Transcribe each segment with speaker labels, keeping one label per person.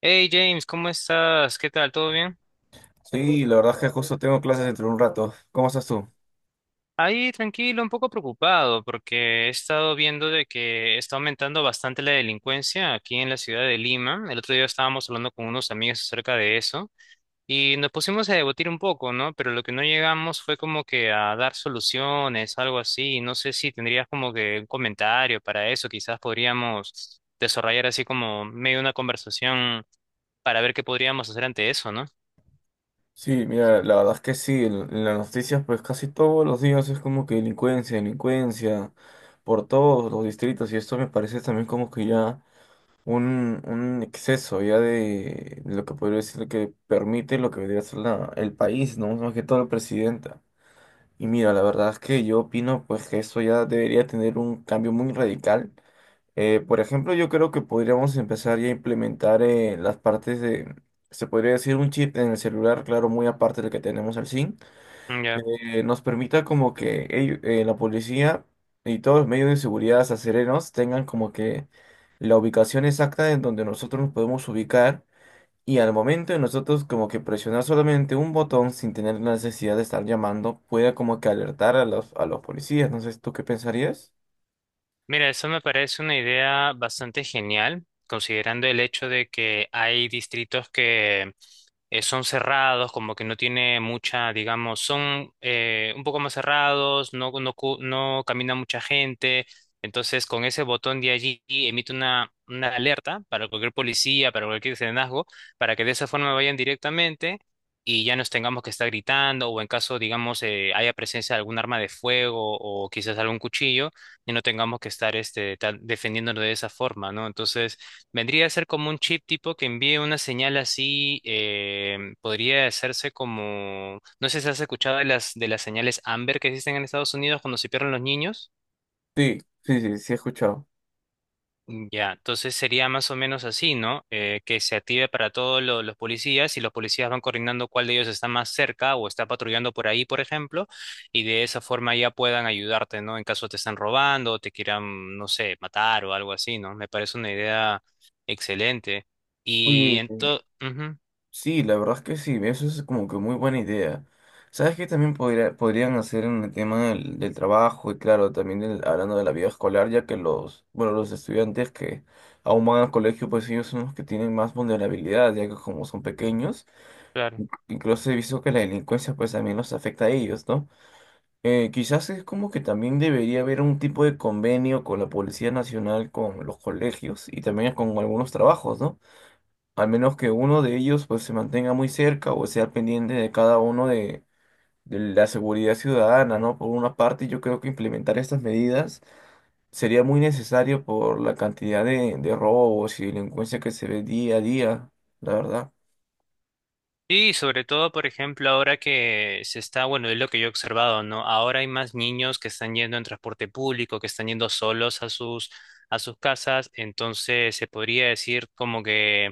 Speaker 1: Hey James, ¿cómo estás? ¿Qué tal? ¿Todo bien?
Speaker 2: Sí, la verdad es que justo tengo clases dentro de un rato. ¿Cómo estás tú?
Speaker 1: Ahí tranquilo, un poco preocupado porque he estado viendo de que está aumentando bastante la delincuencia aquí en la ciudad de Lima. El otro día estábamos hablando con unos amigos acerca de eso y nos pusimos a debatir un poco, ¿no? Pero lo que no llegamos fue como que a dar soluciones, algo así. No sé si tendrías como que un comentario para eso. Quizás podríamos desarrollar así como medio una conversación para ver qué podríamos hacer ante eso, ¿no?
Speaker 2: Sí, mira, la verdad es que sí, en las noticias pues casi todos los días es como que delincuencia, delincuencia, por todos los distritos, y esto me parece también como que ya un exceso ya de lo que podría decir que permite lo que debería ser el país, ¿no? Más que todo la presidenta. Y mira, la verdad es que yo opino pues que eso ya debería tener un cambio muy radical. Por ejemplo, yo creo que podríamos empezar ya a implementar las partes de, se podría decir, un chip en el celular, claro, muy aparte del que tenemos al SIM,
Speaker 1: Ya.
Speaker 2: que nos permita como que la policía y todos los medios de seguridad acereros tengan como que la ubicación exacta en donde nosotros nos podemos ubicar, y al momento de nosotros como que presionar solamente un botón sin tener la necesidad de estar llamando, pueda como que alertar a los, policías. No sé, ¿tú qué pensarías?
Speaker 1: Mira, eso me parece una idea bastante genial, considerando el hecho de que hay distritos que son cerrados, como que no tiene mucha, digamos, son un poco más cerrados, no, no, no camina mucha gente. Entonces, con ese botón de allí emite una alerta para cualquier policía, para cualquier serenazgo, para que de esa forma vayan directamente y ya nos tengamos que estar gritando, o en caso, digamos, haya presencia de algún arma de fuego o quizás algún cuchillo y no tengamos que estar este, defendiéndonos de esa forma, ¿no? Entonces, vendría a ser como un chip tipo que envíe una señal así, podría hacerse como, no sé si has escuchado de las señales Amber que existen en Estados Unidos cuando se pierden los niños.
Speaker 2: Sí, sí, sí, sí he escuchado.
Speaker 1: Ya, entonces sería más o menos así, ¿no? Que se active para todos los policías y los policías van coordinando cuál de ellos está más cerca o está patrullando por ahí, por ejemplo, y de esa forma ya puedan ayudarte, ¿no? En caso te están robando o te quieran, no sé, matar o algo así, ¿no? Me parece una idea excelente. Y entonces,
Speaker 2: Sí, la verdad es que sí, eso es como que muy buena idea. ¿Sabes qué también podrían hacer en el tema del trabajo y, claro, también hablando de la vida escolar, ya que los, bueno, los estudiantes que aún van al colegio, pues ellos son los que tienen más vulnerabilidad, ya que como son pequeños,
Speaker 1: claro.
Speaker 2: incluso he visto que la delincuencia pues también los afecta a ellos, ¿no? Quizás es como que también debería haber un tipo de convenio con la Policía Nacional, con los colegios y también con algunos trabajos, ¿no? Al menos que uno de ellos pues se mantenga muy cerca o sea pendiente de cada uno de, la seguridad ciudadana, ¿no? Por una parte, yo creo que implementar estas medidas sería muy necesario por la cantidad de robos y delincuencia que se ve día a día, la verdad.
Speaker 1: Y sobre todo, por ejemplo, ahora que se está, bueno, es lo que yo he observado, ¿no? Ahora hay más niños que están yendo en transporte público, que están yendo solos a sus casas, entonces se podría decir como que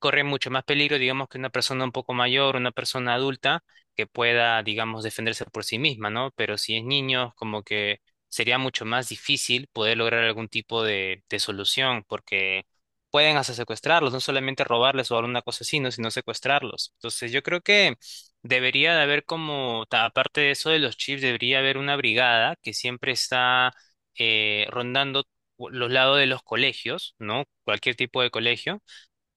Speaker 1: corre mucho más peligro, digamos, que una persona un poco mayor, una persona adulta, que pueda, digamos, defenderse por sí misma, ¿no? Pero si es niño, como que sería mucho más difícil poder lograr algún tipo de solución, porque pueden hasta secuestrarlos, no solamente robarles o alguna cosa así, ¿no? Sino secuestrarlos. Entonces yo creo que debería de haber como, aparte de eso de los chips, debería haber una brigada que siempre está rondando los lados de los colegios, ¿no? Cualquier tipo de colegio,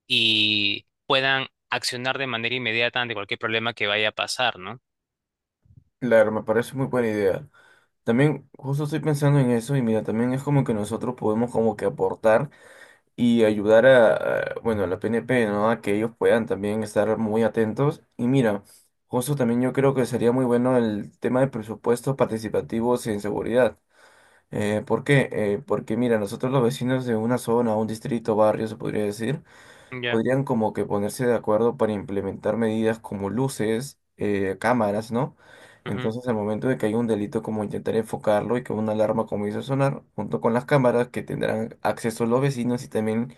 Speaker 1: y puedan accionar de manera inmediata ante cualquier problema que vaya a pasar, ¿no?
Speaker 2: Claro, me parece muy buena idea. También justo estoy pensando en eso, y mira, también es como que nosotros podemos como que aportar y ayudar bueno, a la PNP, ¿no? A que ellos puedan también estar muy atentos. Y mira, justo también yo creo que sería muy bueno el tema de presupuestos participativos en seguridad. ¿Por qué? Porque mira, nosotros los vecinos de una zona, un distrito, barrio, se podría decir,
Speaker 1: Ya.
Speaker 2: podrían como que ponerse de acuerdo para implementar medidas como luces, cámaras, ¿no?
Speaker 1: Ujú.
Speaker 2: Entonces, al momento de que hay un delito, como intentar enfocarlo y que una alarma comience a sonar, junto con las cámaras que tendrán acceso los vecinos y también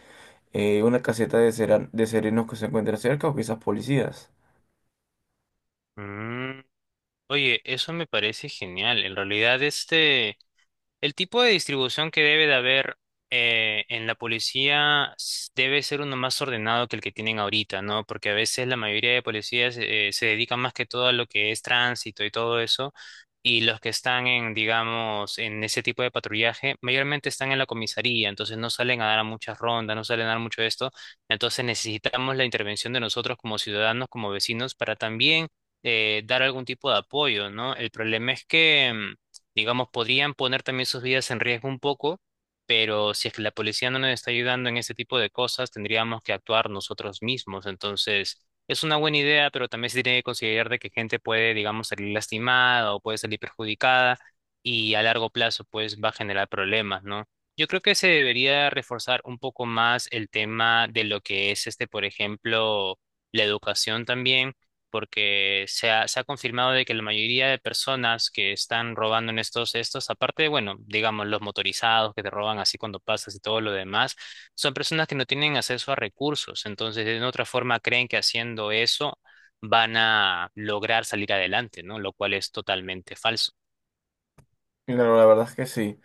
Speaker 2: una caseta de serenos que se encuentra cerca, o quizás policías.
Speaker 1: Mm. Oye, eso me parece genial. En realidad, el tipo de distribución que debe de haber en la policía debe ser uno más ordenado que el que tienen ahorita, ¿no? Porque a veces la mayoría de policías se dedican más que todo a lo que es tránsito y todo eso, y los que están en, digamos, en ese tipo de patrullaje, mayormente están en la comisaría, entonces no salen a dar a muchas rondas, no salen a dar mucho de esto, entonces necesitamos la intervención de nosotros como ciudadanos, como vecinos, para también dar algún tipo de apoyo, ¿no? El problema es que digamos, podrían poner también sus vidas en riesgo un poco, pero si es que la policía no nos está ayudando en este tipo de cosas, tendríamos que actuar nosotros mismos. Entonces, es una buena idea, pero también se tiene que considerar de que gente puede, digamos, salir lastimada o puede salir perjudicada y a largo plazo, pues, va a generar problemas, ¿no? Yo creo que se debería reforzar un poco más el tema de lo que es este, por ejemplo, la educación también porque se ha confirmado de que la mayoría de personas que están robando en estos, estos, aparte, bueno, digamos, los motorizados que te roban así cuando pasas y todo lo demás, son personas que no tienen acceso a recursos, entonces de otra forma creen que haciendo eso van a lograr salir adelante, ¿no? Lo cual es totalmente falso.
Speaker 2: Claro, la verdad es que sí.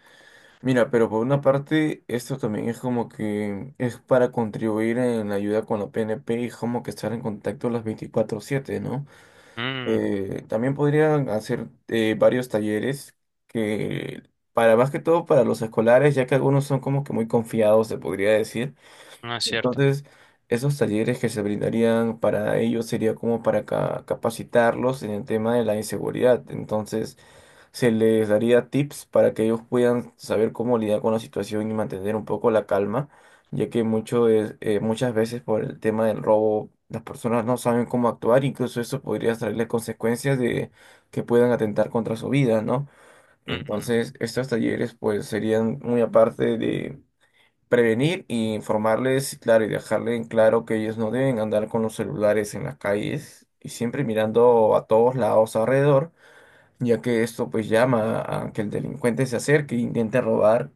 Speaker 2: Mira, pero por una parte, esto también es como que es para contribuir en la ayuda con la PNP y como que estar en contacto las 24/7, ¿no?
Speaker 1: Mm,
Speaker 2: También podrían hacer varios talleres que, para más que todo para los escolares, ya que algunos son como que muy confiados, se podría decir.
Speaker 1: no es cierto.
Speaker 2: Entonces, esos talleres que se brindarían para ellos sería como para capacitarlos en el tema de la inseguridad. Entonces, se les daría tips para que ellos puedan saber cómo lidiar con la situación y mantener un poco la calma, ya que muchas veces por el tema del robo las personas no saben cómo actuar, incluso eso podría traerles consecuencias de que puedan atentar contra su vida, ¿no?
Speaker 1: Mm.
Speaker 2: Entonces, estos talleres pues serían muy aparte, prevenir y informarles, claro, y dejarle en claro que ellos no deben andar con los celulares en las calles y siempre mirando a todos lados alrededor, ya que esto pues llama a que el delincuente se acerque e intente robar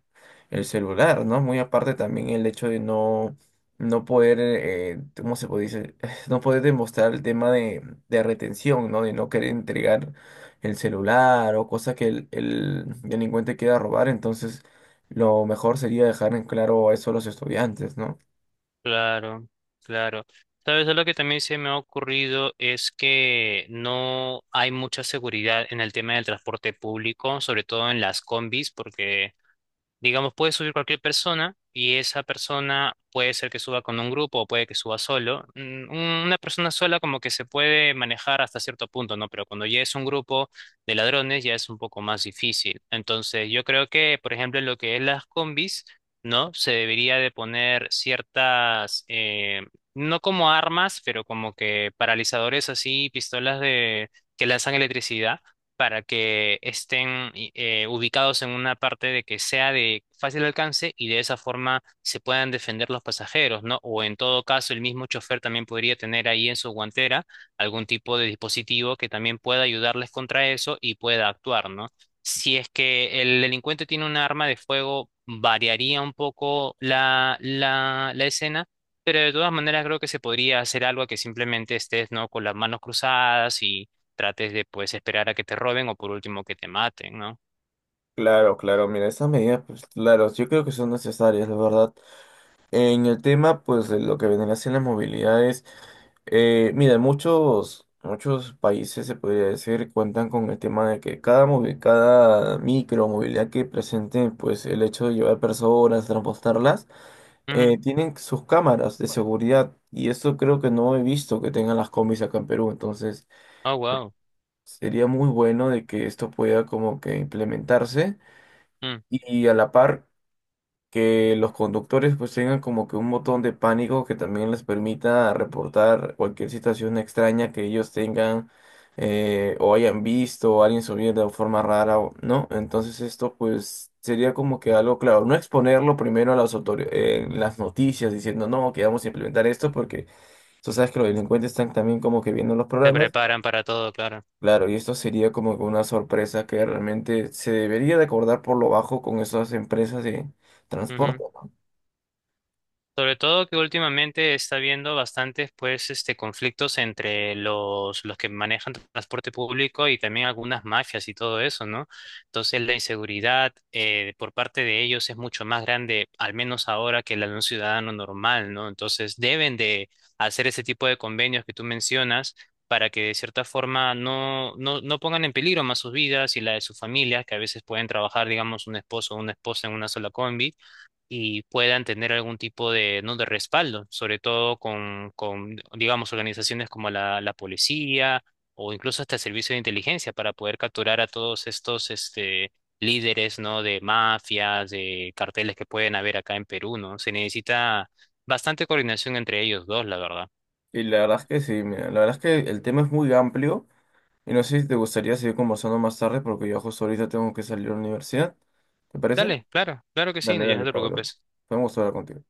Speaker 2: el celular, ¿no? Muy aparte también el hecho de no poder, ¿cómo se puede decir? No poder demostrar el tema de, retención, ¿no? De no querer entregar el celular o cosa que el delincuente quiera robar, entonces lo mejor sería dejar en claro eso a los estudiantes, ¿no?
Speaker 1: Claro, claro. Sabes, lo que también se me ha ocurrido es que no hay mucha seguridad en el tema del transporte público, sobre todo en las combis, porque digamos, puede subir cualquier persona y esa persona puede ser que suba con un grupo o puede que suba solo. Mm, una persona sola como que se puede manejar hasta cierto punto, ¿no? Pero cuando ya es un grupo de ladrones ya es un poco más difícil. Entonces, yo creo que, por ejemplo, en lo que es las combis, ¿no? Se debería de poner ciertas, no como armas, pero como que paralizadores así, pistolas de que lanzan electricidad para que estén ubicados en una parte de que sea de fácil alcance y de esa forma se puedan defender los pasajeros, ¿no? O en todo caso, el mismo chofer también podría tener ahí en su guantera algún tipo de dispositivo que también pueda ayudarles contra eso y pueda actuar, ¿no? Si es que el delincuente tiene un arma de fuego, variaría un poco la, la, la escena. Pero de todas maneras creo que se podría hacer algo que simplemente estés, ¿no? Con las manos cruzadas y trates de pues esperar a que te roben o por último que te maten, ¿no?
Speaker 2: Claro, claro, mira, esas medidas, pues claro, yo creo que son necesarias, la verdad. En el tema, pues, de lo que vendría siendo las movilidades, mira, muchos países, se podría decir, cuentan con el tema de que cada micro movilidad que presente, pues, el hecho de llevar personas, transportarlas,
Speaker 1: Ujú.
Speaker 2: tienen sus cámaras de seguridad. Y esto creo que no he visto que tengan las combis acá en Perú. Entonces,
Speaker 1: Oh, wow.
Speaker 2: sería muy bueno de que esto pueda como que implementarse.
Speaker 1: Mm.
Speaker 2: Y a la par, que los conductores pues tengan como que un botón de pánico que también les permita reportar cualquier situación extraña que ellos tengan, o hayan visto, o alguien subir de forma rara, ¿no? Entonces, esto pues sería como que algo, claro, no exponerlo primero a las autoridades, en las noticias diciendo no, que vamos a implementar esto, porque tú sabes que los delincuentes están también como que viendo los
Speaker 1: Se
Speaker 2: programas.
Speaker 1: preparan para todo, claro.
Speaker 2: Claro, y esto sería como que una sorpresa que realmente se debería de acordar por lo bajo con esas empresas de transporte.
Speaker 1: Ujú. Sobre todo que últimamente está habiendo bastantes pues este conflictos entre los que manejan transporte público y también algunas mafias y todo eso, ¿no? Entonces la inseguridad por parte de ellos es mucho más grande, al menos ahora, que la de un ciudadano normal, ¿no? Entonces deben de hacer ese tipo de convenios que tú mencionas para que de cierta forma no, no, no pongan en peligro más sus vidas y la de sus familias, que a veces pueden trabajar, digamos, un esposo o una esposa en una sola combi y puedan tener algún tipo de, ¿no? de respaldo, sobre todo con, digamos, organizaciones como la policía o incluso hasta el servicio de inteligencia para poder capturar a todos estos este, líderes, ¿no? de mafias, de carteles que pueden haber acá en Perú, ¿no? Se necesita bastante coordinación entre ellos dos, la verdad.
Speaker 2: Y la verdad es que sí, mira, la verdad es que el tema es muy amplio y no sé si te gustaría seguir conversando más tarde, porque yo justo ahorita tengo que salir a la universidad. ¿Te parece?
Speaker 1: Dale, claro, claro que sí, no,
Speaker 2: Dale,
Speaker 1: ya no
Speaker 2: dale,
Speaker 1: te
Speaker 2: Pablo.
Speaker 1: preocupes.
Speaker 2: Fue un gusto hablar contigo.